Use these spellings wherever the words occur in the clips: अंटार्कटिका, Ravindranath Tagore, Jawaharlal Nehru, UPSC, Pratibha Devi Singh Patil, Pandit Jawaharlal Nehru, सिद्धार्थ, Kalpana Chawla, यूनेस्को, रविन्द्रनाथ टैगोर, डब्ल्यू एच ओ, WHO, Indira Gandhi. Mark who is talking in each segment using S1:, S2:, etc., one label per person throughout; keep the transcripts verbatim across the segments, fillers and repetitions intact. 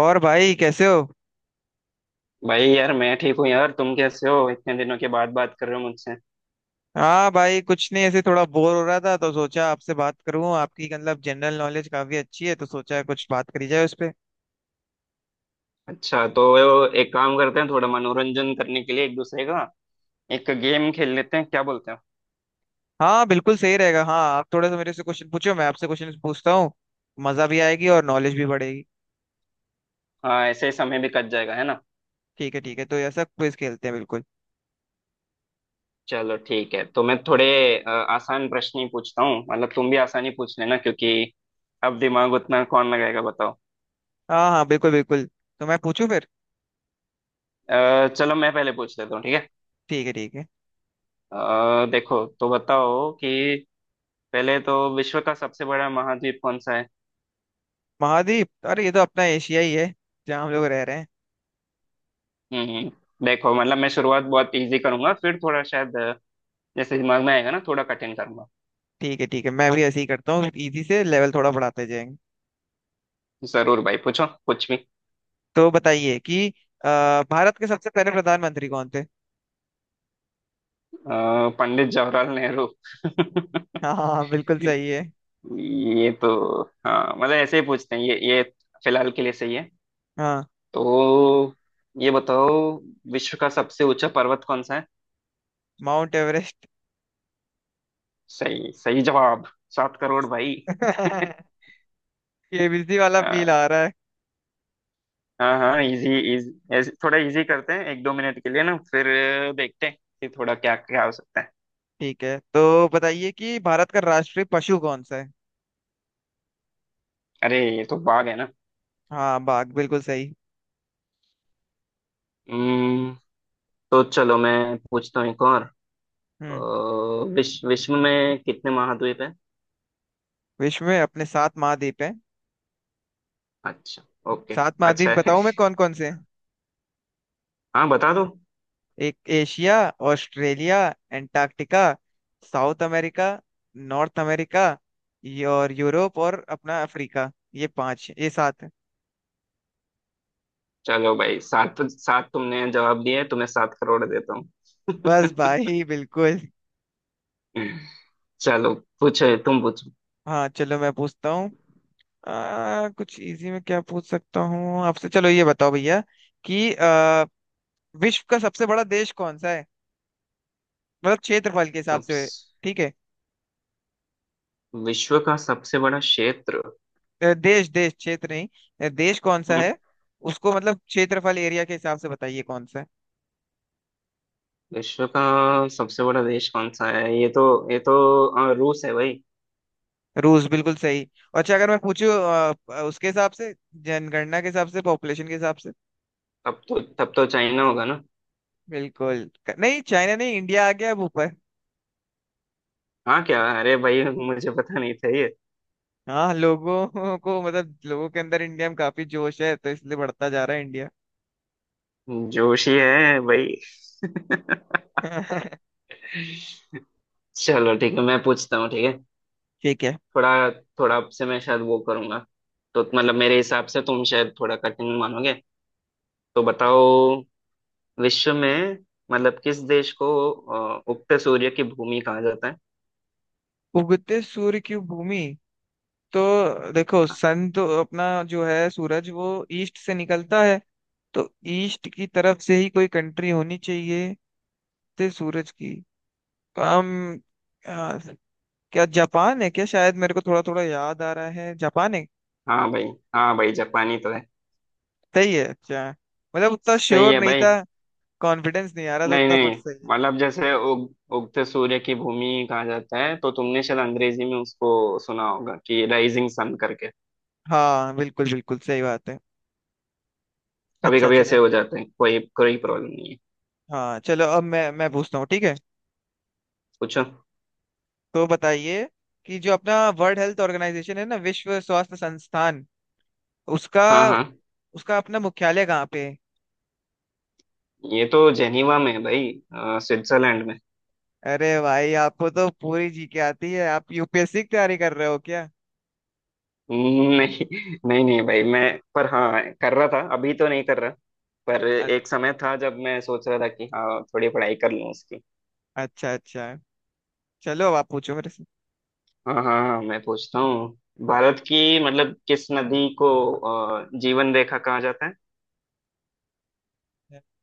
S1: और भाई, कैसे हो।
S2: भाई यार मैं ठीक हूँ यार तुम कैसे हो इतने दिनों के बाद बात कर रहे हो मुझसे।
S1: हाँ भाई, कुछ नहीं, ऐसे थोड़ा बोर हो रहा था तो सोचा आपसे बात करूं। आपकी मतलब जनरल नॉलेज काफी अच्छी है, तो सोचा कुछ बात करी जाए उस पे।
S2: अच्छा तो एक काम करते हैं थोड़ा मनोरंजन करने के लिए एक दूसरे का। एक गेम खेल लेते हैं क्या बोलते हो?
S1: हाँ बिल्कुल सही रहेगा। हाँ, आप थोड़ा सा मेरे से क्वेश्चन पूछो, मैं आपसे क्वेश्चन पूछता हूँ। मजा भी आएगी और नॉलेज भी बढ़ेगी।
S2: हाँ ऐसे ही समय भी कट जाएगा है ना।
S1: ठीक है ठीक है, तो ऐसा क्विज खेलते हैं, बिल्कुल।
S2: चलो ठीक है तो मैं थोड़े अ, आसान प्रश्न ही पूछता हूँ मतलब तुम भी आसान ही पूछ लेना क्योंकि अब दिमाग उतना कौन लगाएगा बताओ।
S1: हाँ हाँ, बिल्कुल बिल्कुल। तो मैं पूछूं फिर।
S2: अ, चलो मैं पहले पूछ लेता हूँ ठीक है।
S1: ठीक है ठीक है।
S2: अ, देखो तो बताओ कि पहले तो विश्व का सबसे बड़ा महाद्वीप कौन सा है?
S1: महाद्वीप? अरे ये तो अपना एशिया ही है, जहाँ हम लोग रह रहे हैं।
S2: हम्म। देखो मतलब मैं शुरुआत बहुत इजी करूंगा फिर थोड़ा शायद अ, जैसे दिमाग में आएगा ना थोड़ा कठिन करूंगा।
S1: ठीक है ठीक है, मैं भी ऐसे ही करता हूँ, इजी से लेवल थोड़ा बढ़ाते जाएंगे।
S2: जरूर भाई पूछो कुछ भी।
S1: तो बताइए कि अ, भारत के सबसे पहले प्रधानमंत्री कौन थे।
S2: अ, पंडित जवाहरलाल नेहरू।
S1: हाँ हाँ बिल्कुल सही है।
S2: ये तो, हाँ मतलब ऐसे ही पूछते हैं ये ये फिलहाल के लिए सही है।
S1: हाँ,
S2: तो ये बताओ, विश्व का सबसे ऊंचा पर्वत कौन सा है?
S1: Mount Everest.
S2: सही सही जवाब। सात करोड़ भाई।
S1: केबीसी वाला फील
S2: हाँ
S1: आ रहा है।
S2: हाँ हाँ, इजी इजी ऐसे थोड़ा इजी करते हैं एक दो मिनट के लिए ना, फिर देखते हैं कि थोड़ा क्या क्या हो सकता है।
S1: ठीक है, तो बताइए कि भारत का राष्ट्रीय पशु कौन सा है।
S2: अरे ये तो बाघ है ना।
S1: हाँ, बाघ बिल्कुल सही।
S2: हम्म, तो चलो मैं पूछता हूँ एक और।
S1: हम्म।
S2: अ, विश्व विश्व में कितने महाद्वीप हैं?
S1: विश्व में अपने सात महाद्वीप हैं।
S2: अच्छा। ओके।
S1: सात महाद्वीप,
S2: अच्छा है।
S1: बताऊं मैं कौन कौन से हैं?
S2: हाँ बता दो।
S1: एक Asia, Australia, Antarctica, South America, North America, ये और यूरोप और अपना अफ्रीका, ये पांच, ये सात।
S2: चलो भाई, सात सात तुमने जवाब दिए, तुम्हें सात करोड़ देता हूँ।
S1: बस भाई, बिल्कुल।
S2: चलो, पूछो तुम पूछो।
S1: हाँ चलो, मैं पूछता हूँ। आ, कुछ इजी में क्या पूछ सकता हूँ आपसे? चलो ये बताओ भैया कि आ, विश्व का सबसे बड़ा देश कौन सा है, मतलब क्षेत्रफल के हिसाब
S2: सब।
S1: से। ठीक है।
S2: विश्व का सबसे बड़ा क्षेत्र।
S1: अ, देश, देश, क्षेत्र नहीं। अ, देश कौन सा
S2: हम्म,
S1: है। उसको मतलब क्षेत्रफल, एरिया के हिसाब से बताइए कौन सा है।
S2: विश्व का सबसे बड़ा देश कौन सा है, ये तो ये तो अ, रूस है भाई।
S1: रूस बिल्कुल सही। अच्छा, अगर मैं पूछूँ उसके हिसाब से, जनगणना के हिसाब से, पॉपुलेशन के हिसाब से।
S2: तब तो तब तो चाइना होगा।
S1: बिल्कुल। क- नहीं, चाइना नहीं, इंडिया आ गया अब ऊपर।
S2: हाँ क्या, अरे भाई मुझे पता नहीं था ये।
S1: हाँ, लोगों को मतलब लोगों के अंदर इंडिया में काफी जोश है, तो इसलिए बढ़ता जा रहा है इंडिया।
S2: जोशी है भाई। चलो ठीक है मैं पूछता हूँ ठीक है।
S1: ठीक है।
S2: थोड़ा थोड़ा आपसे मैं शायद वो करूंगा। तो मतलब मेरे हिसाब से तुम शायद थोड़ा कठिन मानोगे। तो बताओ, विश्व में मतलब किस देश को अ, उगते सूर्य की भूमि कहा जाता है?
S1: उगते सूर्य की भूमि। तो देखो, सन तो अपना, जो है सूरज, वो ईस्ट से निकलता है। तो ईस्ट की तरफ से ही कोई कंट्री होनी चाहिए ते सूरज की। तो हम, आ, क्या जापान है क्या? शायद मेरे को थोड़ा थोड़ा याद आ रहा है, जापान है।
S2: हाँ भाई। हाँ भाई जापानी तो है।
S1: सही है, अच्छा। मतलब उतना
S2: सही
S1: श्योर
S2: है
S1: नहीं
S2: भाई।
S1: था। कॉन्फिडेंस नहीं आ रहा था
S2: नहीं
S1: उतना, पर
S2: नहीं।
S1: सही है।
S2: मतलब जैसे उग, उगते सूर्य की भूमि कहा जाता है तो तुमने शायद अंग्रेजी में उसको सुना होगा कि राइजिंग सन करके।
S1: हाँ बिल्कुल बिल्कुल सही बात है,
S2: कभी
S1: अच्छा
S2: कभी
S1: चलो।
S2: ऐसे हो जाते हैं, कोई कोई प्रॉब्लम नहीं है।
S1: हाँ चलो, अब मैं मैं पूछता हूँ, ठीक है।
S2: पूछो।
S1: तो बताइए कि जो अपना वर्ल्ड हेल्थ ऑर्गेनाइजेशन है ना, विश्व स्वास्थ्य संस्थान, उसका
S2: हाँ हाँ।
S1: उसका अपना मुख्यालय कहाँ पे है?
S2: ये तो जेनीवा में है भाई, अ, स्विट्जरलैंड में।
S1: अरे भाई, आपको तो पूरी जी के आती है। आप यूपीएससी की तैयारी कर रहे हो क्या?
S2: नहीं नहीं नहीं भाई मैं। पर हाँ कर रहा था, अभी तो नहीं कर रहा। पर
S1: अ-
S2: एक समय था जब मैं सोच रहा था कि हाँ थोड़ी पढ़ाई कर लूँ उसकी।
S1: अच्छा अच्छा। चलो, अब आप पूछो मेरे से।
S2: हाँ हाँ हाँ, मैं पूछता हूँ। भारत की मतलब किस नदी को अ, जीवन रेखा कहा जाता है?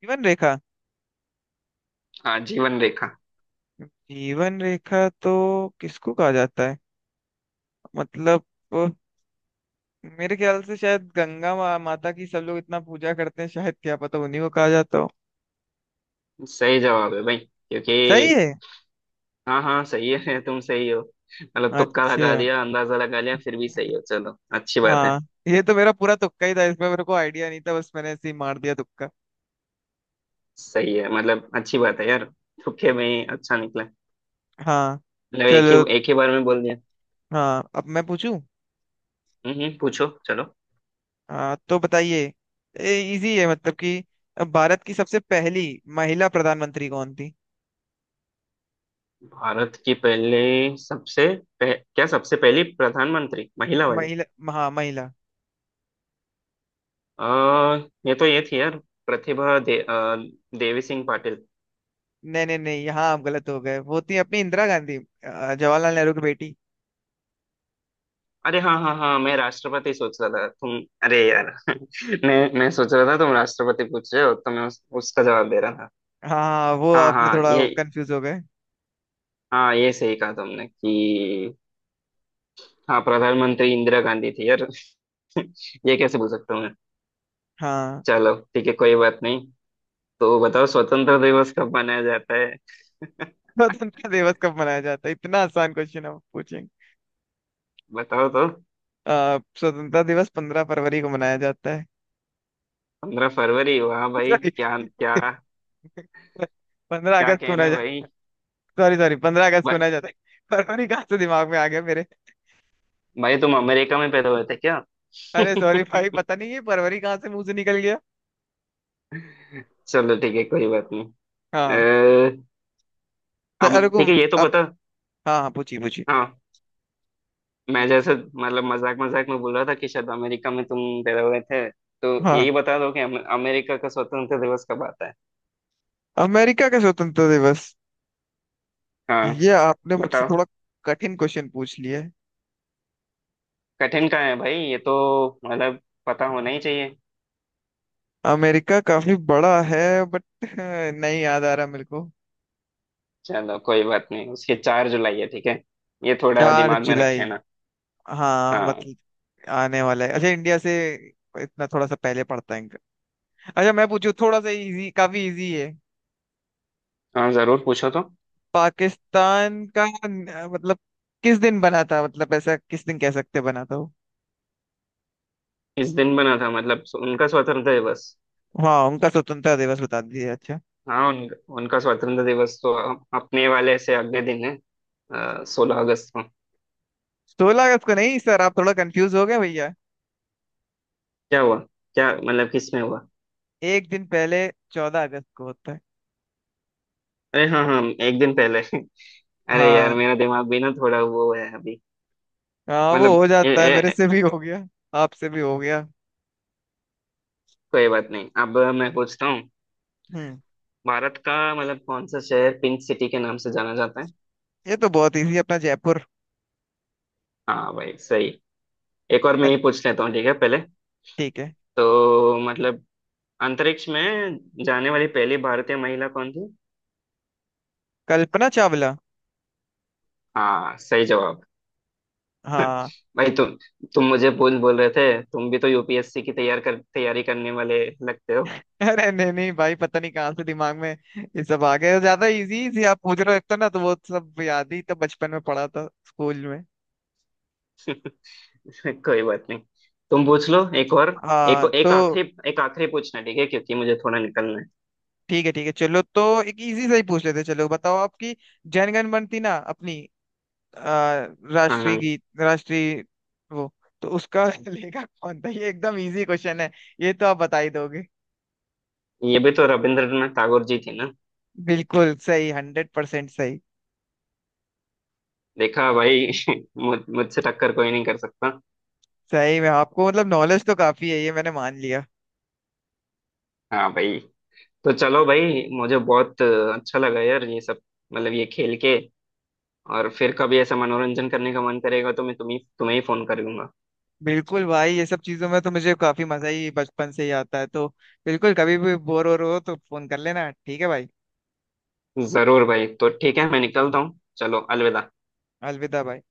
S1: जीवन रेखा।
S2: हाँ जीवन रेखा।
S1: जीवन रेखा तो किसको कहा जाता है? मतलब वो, मेरे ख्याल से शायद गंगा मा, माता की सब लोग इतना पूजा करते हैं, शायद क्या पता उन्हीं को कहा जाता हो।
S2: सही जवाब है भाई, क्योंकि
S1: सही है,
S2: हाँ हाँ सही है। तुम सही हो। मतलब तुक्का लगा
S1: अच्छा।
S2: दिया, अंदाजा लगा लिया फिर भी सही हो, चलो अच्छी बात है।
S1: हाँ। ये तो मेरा पूरा तुक्का ही था, इसमें मेरे को आइडिया नहीं था, बस मैंने ऐसे ही मार दिया तुक्का।
S2: सही है, मतलब अच्छी बात है यार। तुक्के में ही अच्छा निकला।
S1: हाँ
S2: मतलब एक ही
S1: चलो,
S2: एक ही बार में बोल दिया।
S1: हाँ, अब मैं पूछूं।
S2: हम्म हम्म, पूछो चलो।
S1: हाँ, तो बताइए, इजी है मतलब, कि भारत की सबसे पहली महिला प्रधानमंत्री कौन थी?
S2: भारत की पहले, सबसे पह, क्या सबसे पहली प्रधानमंत्री, महिला वाली।
S1: महिला, हाँ महिला।
S2: आ, ये तो, ये थी यार। प्रतिभा दे, अ, देवी सिंह पाटिल।
S1: नहीं नहीं नहीं, यहाँ आप गलत हो गए। वो थी अपनी इंदिरा गांधी, अ, जवाहरलाल नेहरू की बेटी।
S2: अरे हाँ हाँ हाँ, मैं राष्ट्रपति सोच रहा था तुम। अरे यार। मैं मैं सोच रहा था तुम राष्ट्रपति पूछ रहे हो तो मैं उस, उसका जवाब दे रहा था।
S1: हाँ हाँ, वो
S2: हाँ
S1: आपने
S2: हाँ
S1: थोड़ा
S2: ये।
S1: कंफ्यूज हो गए।
S2: हाँ ये सही कहा तुमने कि हाँ, प्रधानमंत्री इंदिरा गांधी थी यार। ये कैसे भूल सकता हूँ मैं।
S1: हाँ,
S2: चलो ठीक है कोई बात नहीं। तो बताओ, स्वतंत्र दिवस कब मनाया जाता है?
S1: स्वतंत्रता दिवस कब मनाया जाता है? इतना आसान क्वेश्चन आप पूछे।
S2: बताओ तो।
S1: अ, स्वतंत्रता दिवस पंद्रह फरवरी को मनाया जाता है।
S2: पंद्रह फरवरी, वाह भाई
S1: सॉरी,
S2: क्या क्या।
S1: पंद्रह
S2: क्या
S1: अगस्त को मनाया
S2: कहने भाई।
S1: जाता। सॉरी सॉरी, पंद्रह अगस्त को
S2: भा-
S1: मनाया जाता है। फरवरी कहाँ से दिमाग में आ गया मेरे?
S2: भाई तुम अमेरिका में पैदा हुए थे क्या?
S1: अरे सॉरी भाई, पता नहीं ये फरवरी कहाँ से मुंह से निकल गया।
S2: चलो ठीक है कोई बात
S1: हाँ
S2: नहीं।
S1: तो
S2: अब
S1: अरे को
S2: ठीक है ये तो
S1: अब।
S2: बता।
S1: हाँ हाँ, पूछिए पूछिए।
S2: हाँ। मैं जैसे मतलब मजाक मजाक में बोल रहा था कि शायद अमेरिका में तुम पैदा हुए थे, तो
S1: हाँ,
S2: यही बता दो कि अम- अमेरिका का स्वतंत्रता दिवस कब आता है?
S1: अमेरिका का स्वतंत्रता दिवस।
S2: हाँ।
S1: ये आपने मुझसे
S2: बताओ।
S1: थोड़ा कठिन क्वेश्चन पूछ लिया है।
S2: कठिन का है भाई ये तो, मतलब पता होना ही चाहिए।
S1: अमेरिका काफी बड़ा है, बट नहीं याद आ रहा मेरे को।
S2: चलो कोई बात नहीं, उसके चार जुलाई है ठीक है। ये थोड़ा
S1: चार
S2: दिमाग में रख
S1: जुलाई
S2: लेना।
S1: हाँ
S2: हाँ
S1: मतलब आने वाला है, अच्छा। इंडिया से इतना थोड़ा सा पहले पड़ता है इनका। अच्छा, मैं पूछू थोड़ा सा इजी, काफी इजी है।
S2: हाँ जरूर पूछो तो।
S1: पाकिस्तान का न- मतलब किस दिन बना था, मतलब ऐसा किस दिन कह सकते बना था वो?
S2: इस दिन बना था मतलब स- उनका स्वतंत्रता दिवस।
S1: हाँ, उनका स्वतंत्रता दिवस बता दीजिए, अच्छा।
S2: हाँ उन, उनका स्वतंत्रता दिवस तो अ- अपने वाले से अगले दिन है, सोलह अगस्त।
S1: सोलह अगस्त को नहीं सर, आप थोड़ा कंफ्यूज हो गए भैया।
S2: क्या हुआ? क्या मतलब किस में हुआ?
S1: एक दिन पहले चौदह अगस्त को होता है।
S2: अरे हाँ हाँ, एक दिन पहले। अरे यार
S1: हाँ
S2: मेरा दिमाग भी ना थोड़ा वो है अभी।
S1: हाँ, वो
S2: मतलब
S1: हो
S2: ए,
S1: जाता है, मेरे
S2: ए,
S1: से भी हो गया। आपसे भी हो गया।
S2: कोई बात नहीं, अब मैं पूछता हूँ।
S1: हम्म।
S2: भारत का मतलब कौन सा शहर पिंक सिटी के नाम से जाना जाता है?
S1: ये तो बहुत इजी है, अपना जयपुर।
S2: हाँ भाई सही। एक और मैं
S1: अ-
S2: ही पूछ लेता हूँ ठीक है पहले।
S1: ठीक है।
S2: तो मतलब, अंतरिक्ष में जाने वाली पहली भारतीय महिला कौन थी?
S1: कल्पना चावला।
S2: हाँ सही जवाब।
S1: हाँ।
S2: भाई तुम तुम मुझे बोल बोल रहे थे, तुम भी तो यू पी एस सी की तैयार कर तैयारी करने वाले लगते हो।
S1: अरे नहीं नहीं भाई, पता नहीं कहाँ से दिमाग में ये सब आ गया। ज्यादा इजी से आप पूछ रहे हो, एक तो ना, तो वो सब याद ही तो बचपन में पढ़ा था स्कूल में।
S2: कोई बात नहीं, तुम पूछ लो एक और। एक
S1: हाँ
S2: एक
S1: तो।
S2: आखिरी एक आखिरी पूछना ठीक है, क्योंकि मुझे थोड़ा निकलना है।
S1: ठीक है ठीक है, चलो तो एक इजी सा ही पूछ लेते हैं। चलो बताओ, आपकी जनगण, बनती ना अपनी अ,
S2: हाँ
S1: राष्ट्रीय
S2: हाँ।
S1: गीत, राष्ट्रीय वो, तो उसका लेखक कौन था? ये एकदम इजी क्वेश्चन है, ये तो आप बता ही दोगे।
S2: ये भी तो रविंद्रनाथ टैगोर जी थे ना।
S1: बिल्कुल सही, हंड्रेड परसेंट सही।
S2: देखा भाई। मुझ मुझसे टक्कर कोई नहीं कर सकता।
S1: सही में आपको मतलब नॉलेज तो काफी है, ये मैंने मान लिया।
S2: हाँ भाई। तो चलो भाई, मुझे बहुत अच्छा लगा यार ये सब, मतलब ये खेल के। और फिर कभी ऐसा मनोरंजन करने का मन करेगा तो मैं तुम्हें तुम्हें ही फोन कर लूंगा।
S1: बिल्कुल भाई, ये सब चीजों में तो मुझे काफी मजा ही बचपन से ही आता है तो। बिल्कुल, कभी भी बोर हो रहे हो तो फोन कर लेना, ठीक है भाई।
S2: जरूर भाई, तो ठीक है मैं निकलता हूँ, चलो अलविदा।
S1: अलविदा भाई।